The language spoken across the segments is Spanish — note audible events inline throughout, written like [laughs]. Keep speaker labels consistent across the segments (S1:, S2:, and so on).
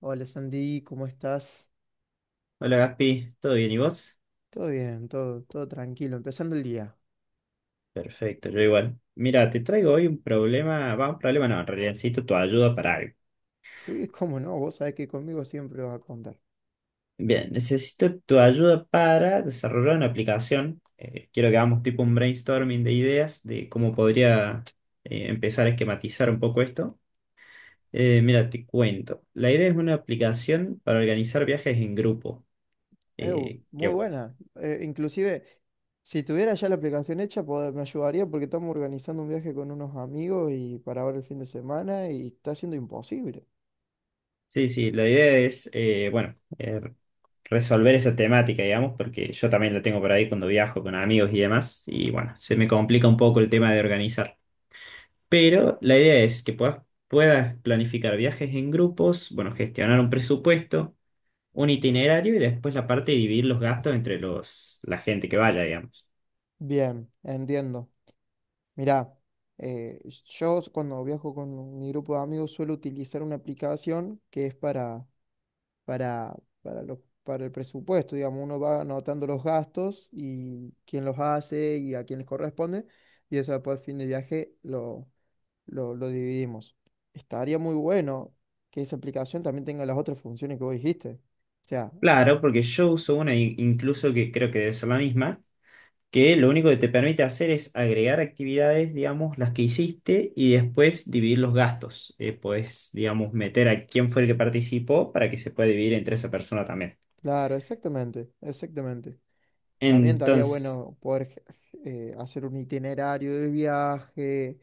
S1: Hola Sandy, ¿cómo estás?
S2: Hola Gaspi, ¿todo bien y vos?
S1: Todo bien, todo tranquilo, empezando el día.
S2: Perfecto, yo igual. Mira, te traigo hoy un problema, va, un problema no, en realidad necesito tu ayuda para algo.
S1: Sí, [laughs] cómo no, vos sabés que conmigo siempre vas a contar.
S2: Bien, necesito tu ayuda para desarrollar una aplicación. Quiero que hagamos tipo un brainstorming de ideas de cómo podría empezar a esquematizar un poco esto. Mira, te cuento. La idea es una aplicación para organizar viajes en grupo,
S1: Ew, muy
S2: que
S1: buena. Inclusive, si tuviera ya la aplicación hecha, me ayudaría porque estamos organizando un viaje con unos amigos y para ahora el fin de semana y está siendo imposible.
S2: Sí, sí, la idea es, bueno, resolver esa temática, digamos, porque yo también la tengo por ahí cuando viajo con amigos y demás, y bueno, se me complica un poco el tema de organizar. Pero la idea es que puedas planificar viajes en grupos, bueno, gestionar un presupuesto, un itinerario y después la parte de dividir los gastos entre la gente que vaya, digamos.
S1: Bien, entiendo. Mirá, eh, yo cuando viajo con mi grupo de amigos suelo utilizar una aplicación que es para, para el presupuesto. Digamos, uno va anotando los gastos y quién los hace y a quién les corresponde. Y eso después al fin de viaje lo dividimos. Estaría muy bueno que esa aplicación también tenga las otras funciones que vos dijiste. O sea, ah,
S2: Claro, porque yo uso una incluso que creo que debe ser la misma que lo único que te permite hacer es agregar actividades, digamos, las que hiciste y después dividir los gastos. Puedes, digamos, meter a quién fue el que participó para que se pueda dividir entre esa persona también.
S1: claro, exactamente, exactamente. También estaría
S2: Entonces,
S1: bueno poder hacer un itinerario de viaje,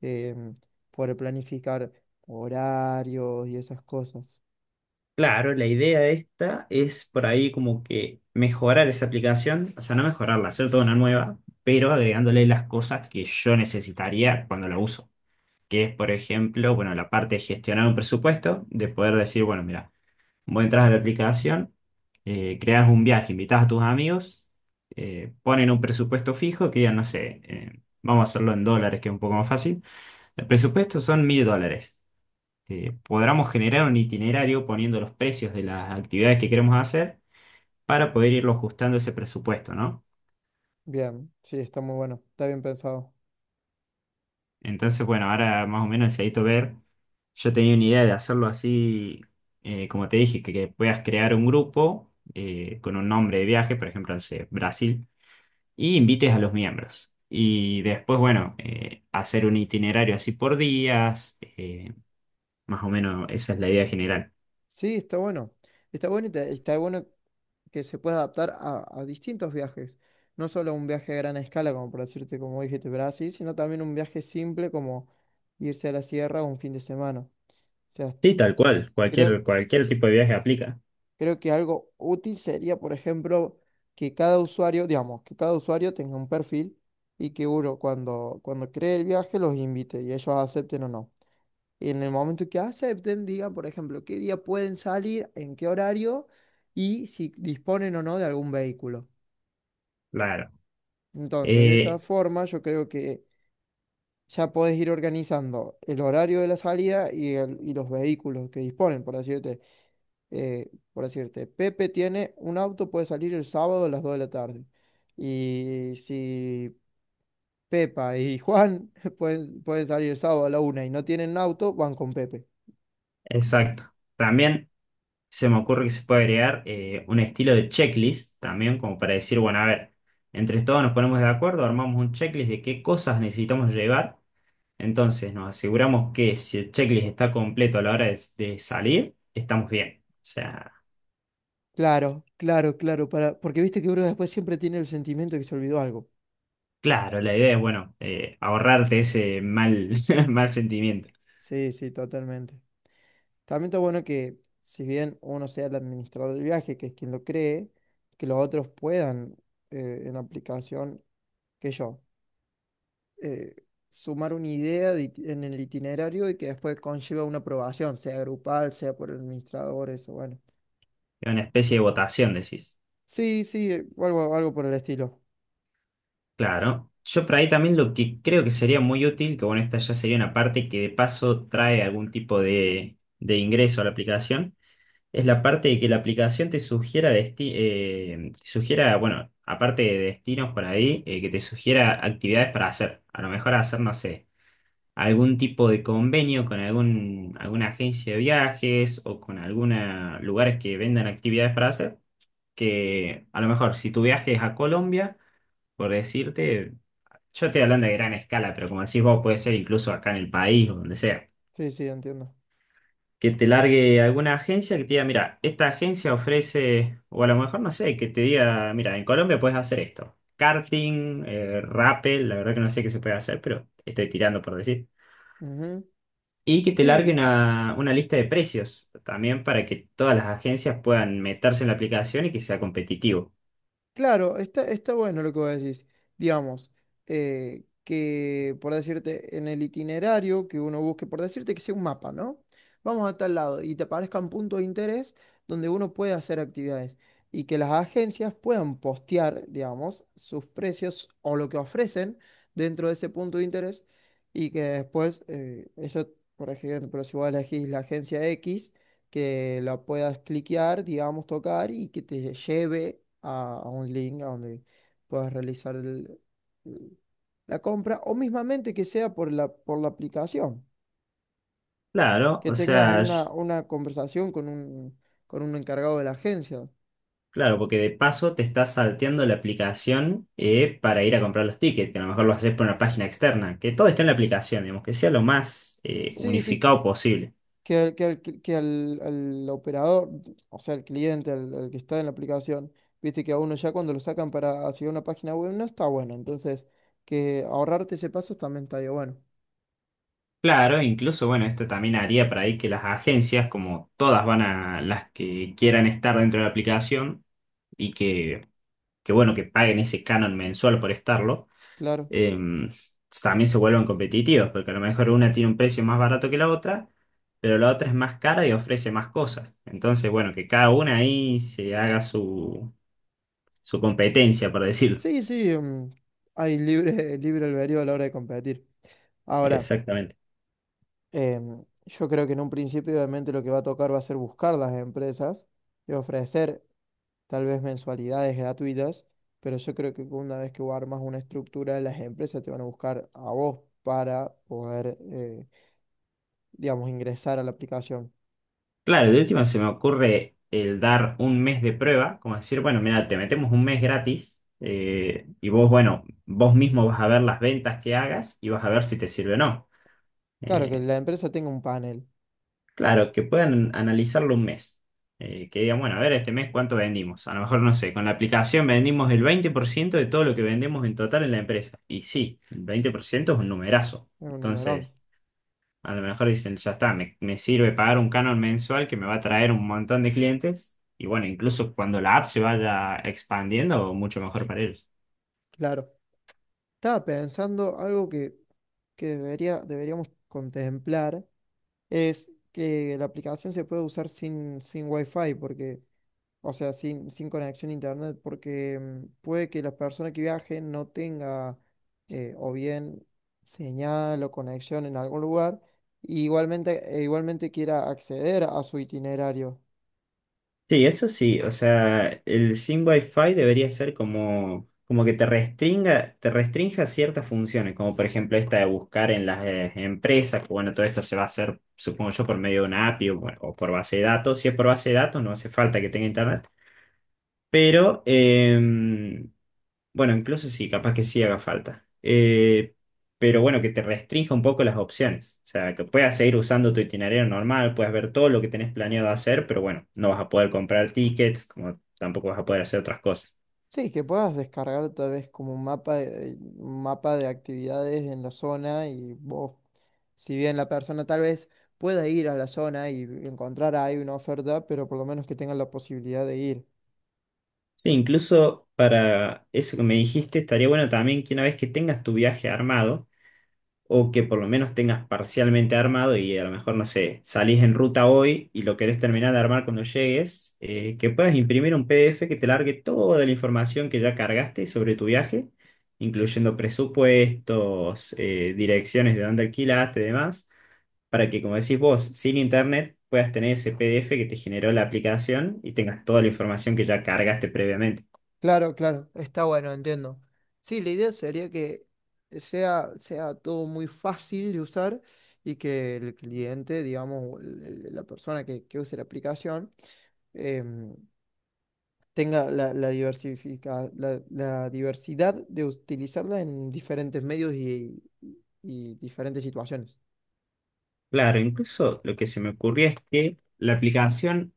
S1: em, poder planificar horarios y esas cosas.
S2: claro, la idea de esta es por ahí como que mejorar esa aplicación, o sea, no mejorarla, hacer toda una nueva, pero agregándole las cosas que yo necesitaría cuando la uso. Que es, por ejemplo, bueno, la parte de gestionar un presupuesto, de poder decir, bueno, mira, vos entras a la aplicación, creas un viaje, invitas a tus amigos, ponen un presupuesto fijo que ya no sé, vamos a hacerlo en dólares que es un poco más fácil. El presupuesto son 1000 dólares. Podremos generar un itinerario poniendo los precios de las actividades que queremos hacer para poder irlo ajustando ese presupuesto, ¿no?
S1: Bien, sí, está muy bueno, está bien pensado.
S2: Entonces, bueno, ahora más o menos necesito ver. Yo tenía una idea de hacerlo así, como te dije, que puedas crear un grupo con un nombre de viaje, por ejemplo, no sé, Brasil. Y invites a los miembros. Y después, bueno, hacer un itinerario así por días, más o menos esa es la idea general.
S1: Sí, está bueno. Está bueno está bueno que se pueda adaptar a distintos viajes. No solo a un viaje a gran escala, como por decirte, como dijiste, Brasil, sino también un viaje simple como irse a la sierra un fin de semana. O sea,
S2: Sí, tal cual,
S1: creo,
S2: cualquier tipo de viaje aplica.
S1: creo que algo útil sería, por ejemplo, que cada usuario, digamos, que cada usuario tenga un perfil y que uno cuando cree el viaje los invite y ellos acepten o no. Y en el momento que acepten, digan, por ejemplo, qué día pueden salir, en qué horario y si disponen o no de algún vehículo.
S2: Claro.
S1: Entonces, de esa
S2: Eh,
S1: forma, yo creo que ya podés ir organizando el horario de la salida y, y los vehículos que disponen, por decirte, por decirte, Pepe tiene un auto, puede salir el sábado a las 2 de la tarde. Y si Pepa y Juan [laughs] pueden salir el sábado a la una y no tienen auto, van con Pepe.
S2: exacto. También se me ocurre que se puede agregar un estilo de checklist, también como para decir, bueno, a ver, entre todos nos ponemos de acuerdo, armamos un checklist de qué cosas necesitamos llevar. Entonces nos aseguramos que si el checklist está completo a la hora de salir, estamos bien. O sea,
S1: Claro, claro, claro, para, porque viste que uno después siempre tiene el sentimiento de que se olvidó algo.
S2: claro, la idea es, bueno, ahorrarte ese mal, [laughs] mal sentimiento.
S1: Sí, sí, totalmente. También está bueno que, si bien uno sea el administrador del viaje, que es quien lo cree, que los otros puedan, en aplicación, que yo, eh, sumar una idea de en el itinerario y que después conlleva una aprobación, sea grupal, sea por el administrador, eso, bueno.
S2: Es una especie de votación, decís.
S1: Sí, sí, algo por el estilo.
S2: Claro. Yo por ahí también lo que creo que sería muy útil, que bueno, esta ya sería una parte que de paso trae algún tipo de ingreso a la aplicación, es la parte de que la aplicación te sugiera, te sugiera, bueno, aparte de destinos por ahí, que te sugiera actividades para hacer. A lo mejor hacer, no sé, algún tipo de convenio con algún, alguna agencia de viajes o con alguna lugares que vendan actividades para hacer, que a lo mejor si tu viaje es a Colombia, por decirte, yo estoy hablando de gran escala, pero como decís vos, puede ser incluso acá en el país o donde sea.
S1: Sí, sí, entiendo.
S2: Que te largue alguna agencia que te diga, mira, esta agencia ofrece, o a lo mejor no sé, que te diga, mira, en Colombia puedes hacer esto. Karting, rappel, la verdad que no sé qué se puede hacer, pero estoy tirando por decir.
S1: Ujú.
S2: Y que te largue
S1: Sí,
S2: una lista de precios también para que todas las agencias puedan meterse en la aplicación y que sea competitivo.
S1: claro, está, está bueno lo que vos decís. Digamos, que por decirte, en el itinerario que uno busque, por decirte que sea un mapa, ¿no? Vamos a tal lado y te aparezcan puntos de interés donde uno puede hacer actividades y que las agencias puedan postear, digamos, sus precios o lo que ofrecen dentro de ese punto de interés y que después, eso, por ejemplo, si vos elegís la agencia X que la puedas cliquear, digamos, tocar y que te lleve a un link a donde puedas realizar el- la compra o mismamente que sea por la aplicación,
S2: Claro,
S1: que
S2: o
S1: tengas
S2: sea,
S1: una conversación con un encargado de la agencia.
S2: claro, porque de paso te estás salteando la aplicación para ir a comprar los tickets, que a lo mejor lo haces por una página externa, que todo está en la aplicación, digamos, que sea lo más
S1: Sí, sí,
S2: unificado posible.
S1: que al operador, o sea, el cliente, el que está en la aplicación, viste que a uno ya cuando lo sacan para hacia una página web no está bueno, entonces que ahorrarte ese paso también estaría bueno,
S2: Claro, incluso, bueno, esto también haría para ahí que las agencias, como todas van a las que quieran estar dentro de la aplicación y que bueno, que paguen ese canon mensual por estarlo,
S1: claro.
S2: em, también se vuelvan competitivos, porque a lo mejor una tiene un precio más barato que la otra, pero la otra es más cara y ofrece más cosas. Entonces, bueno, que cada una ahí se haga su, su competencia, por decirlo.
S1: Sí, sí, hay libre, [laughs] libre albedrío a la hora de competir. Ahora,
S2: Exactamente.
S1: yo creo que en un principio obviamente lo que va a tocar va a ser buscar las empresas y ofrecer tal vez mensualidades gratuitas, pero yo creo que una vez que vos armas una estructura, las empresas te van a buscar a vos para poder, digamos, ingresar a la aplicación.
S2: Claro, de última se me ocurre el dar un mes de prueba, como decir, bueno, mira, te metemos un mes gratis y vos, bueno, vos mismo vas a ver las ventas que hagas y vas a ver si te sirve o no.
S1: Claro, que
S2: Eh,
S1: la empresa tenga un panel,
S2: claro, que puedan analizarlo un mes. Que digan, bueno, a ver, este mes cuánto vendimos. A lo mejor, no sé, con la aplicación vendimos el 20% de todo lo que vendemos en total en la empresa. Y sí, el 20% es un numerazo.
S1: es un numerón,
S2: Entonces, a lo mejor dicen, ya está, me sirve pagar un canon mensual que me va a traer un montón de clientes. Y bueno, incluso cuando la app se vaya expandiendo, mucho mejor para ellos.
S1: claro. Estaba pensando algo que, deberíamos contemplar es que la aplicación se puede usar sin Wi-Fi, porque, o sea, sin conexión a internet, porque puede que la persona que viaje no tenga o bien señal o conexión en algún lugar, e igualmente quiera acceder a su itinerario.
S2: Sí, eso sí, o sea, el sin Wi-Fi debería ser como, como que te restringa, te restrinja ciertas funciones, como por ejemplo esta de buscar en las empresas, que bueno, todo esto se va a hacer, supongo yo, por medio de una API o, bueno, o por base de datos. Si es por base de datos, no hace falta que tenga internet, pero bueno, incluso sí, capaz que sí haga falta. Pero bueno, que te restrinja un poco las opciones. O sea, que puedas seguir usando tu itinerario normal, puedas ver todo lo que tenés planeado hacer, pero bueno, no vas a poder comprar tickets, como tampoco vas a poder hacer otras cosas.
S1: Sí, que puedas descargar tal vez como un mapa de actividades en la zona y vos, si bien la persona tal vez pueda ir a la zona y encontrar ahí una oferta, pero por lo menos que tenga la posibilidad de ir.
S2: Sí, incluso para eso que me dijiste, estaría bueno también que una vez que tengas tu viaje armado, o que por lo menos tengas parcialmente armado y a lo mejor, no sé, salís en ruta hoy y lo querés terminar de armar cuando llegues, que puedas imprimir un PDF que te largue toda la información que ya cargaste sobre tu viaje, incluyendo presupuestos, direcciones de dónde alquilaste y demás, para que, como decís vos, sin internet puedas tener ese PDF que te generó la aplicación y tengas toda la información que ya cargaste previamente.
S1: Claro, claro, está bueno, entiendo. Sí, la idea sería que sea todo muy fácil de usar y que el cliente, digamos, o la persona que use la aplicación, em, tenga la, la, la diversidad de utilizarla en diferentes medios y diferentes situaciones.
S2: Claro, incluso lo que se me ocurría es que la aplicación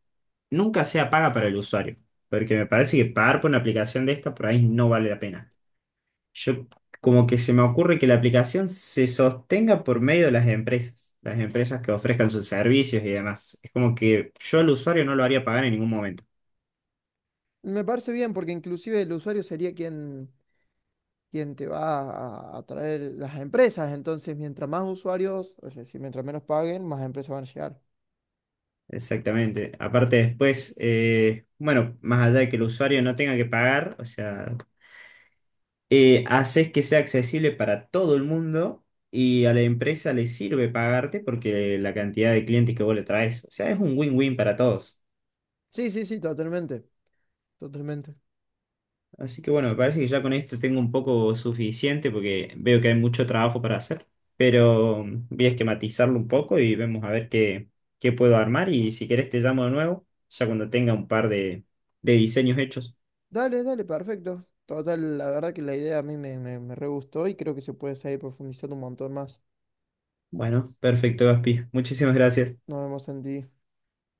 S2: nunca sea paga para el usuario, porque me parece que pagar por una aplicación de esta por ahí no vale la pena. Yo como que se me ocurre que la aplicación se sostenga por medio de las empresas que ofrezcan sus servicios y demás. Es como que yo al usuario no lo haría pagar en ningún momento.
S1: Me parece bien porque inclusive el usuario sería quien, quien te va a atraer las empresas, entonces mientras más usuarios, es decir, mientras menos paguen, más empresas van a llegar.
S2: Exactamente. Aparte después, bueno, más allá de que el usuario no tenga que pagar, o sea, haces que sea accesible para todo el mundo y a la empresa le sirve pagarte porque la cantidad de clientes que vos le traes, o sea, es un win-win para todos.
S1: Sí, sí, sí, totalmente, totalmente.
S2: Así que bueno, me parece que ya con esto tengo un poco suficiente porque veo que hay mucho trabajo para hacer, pero voy a esquematizarlo un poco y vemos a ver qué, qué puedo armar y si querés te llamo de nuevo, ya cuando tenga un par de diseños hechos.
S1: Dale, dale, perfecto. Total, la verdad que la idea a mí me re gustó y creo que se puede seguir profundizando un montón más.
S2: Bueno, perfecto, Gaspi. Muchísimas gracias.
S1: Nos vemos en ti.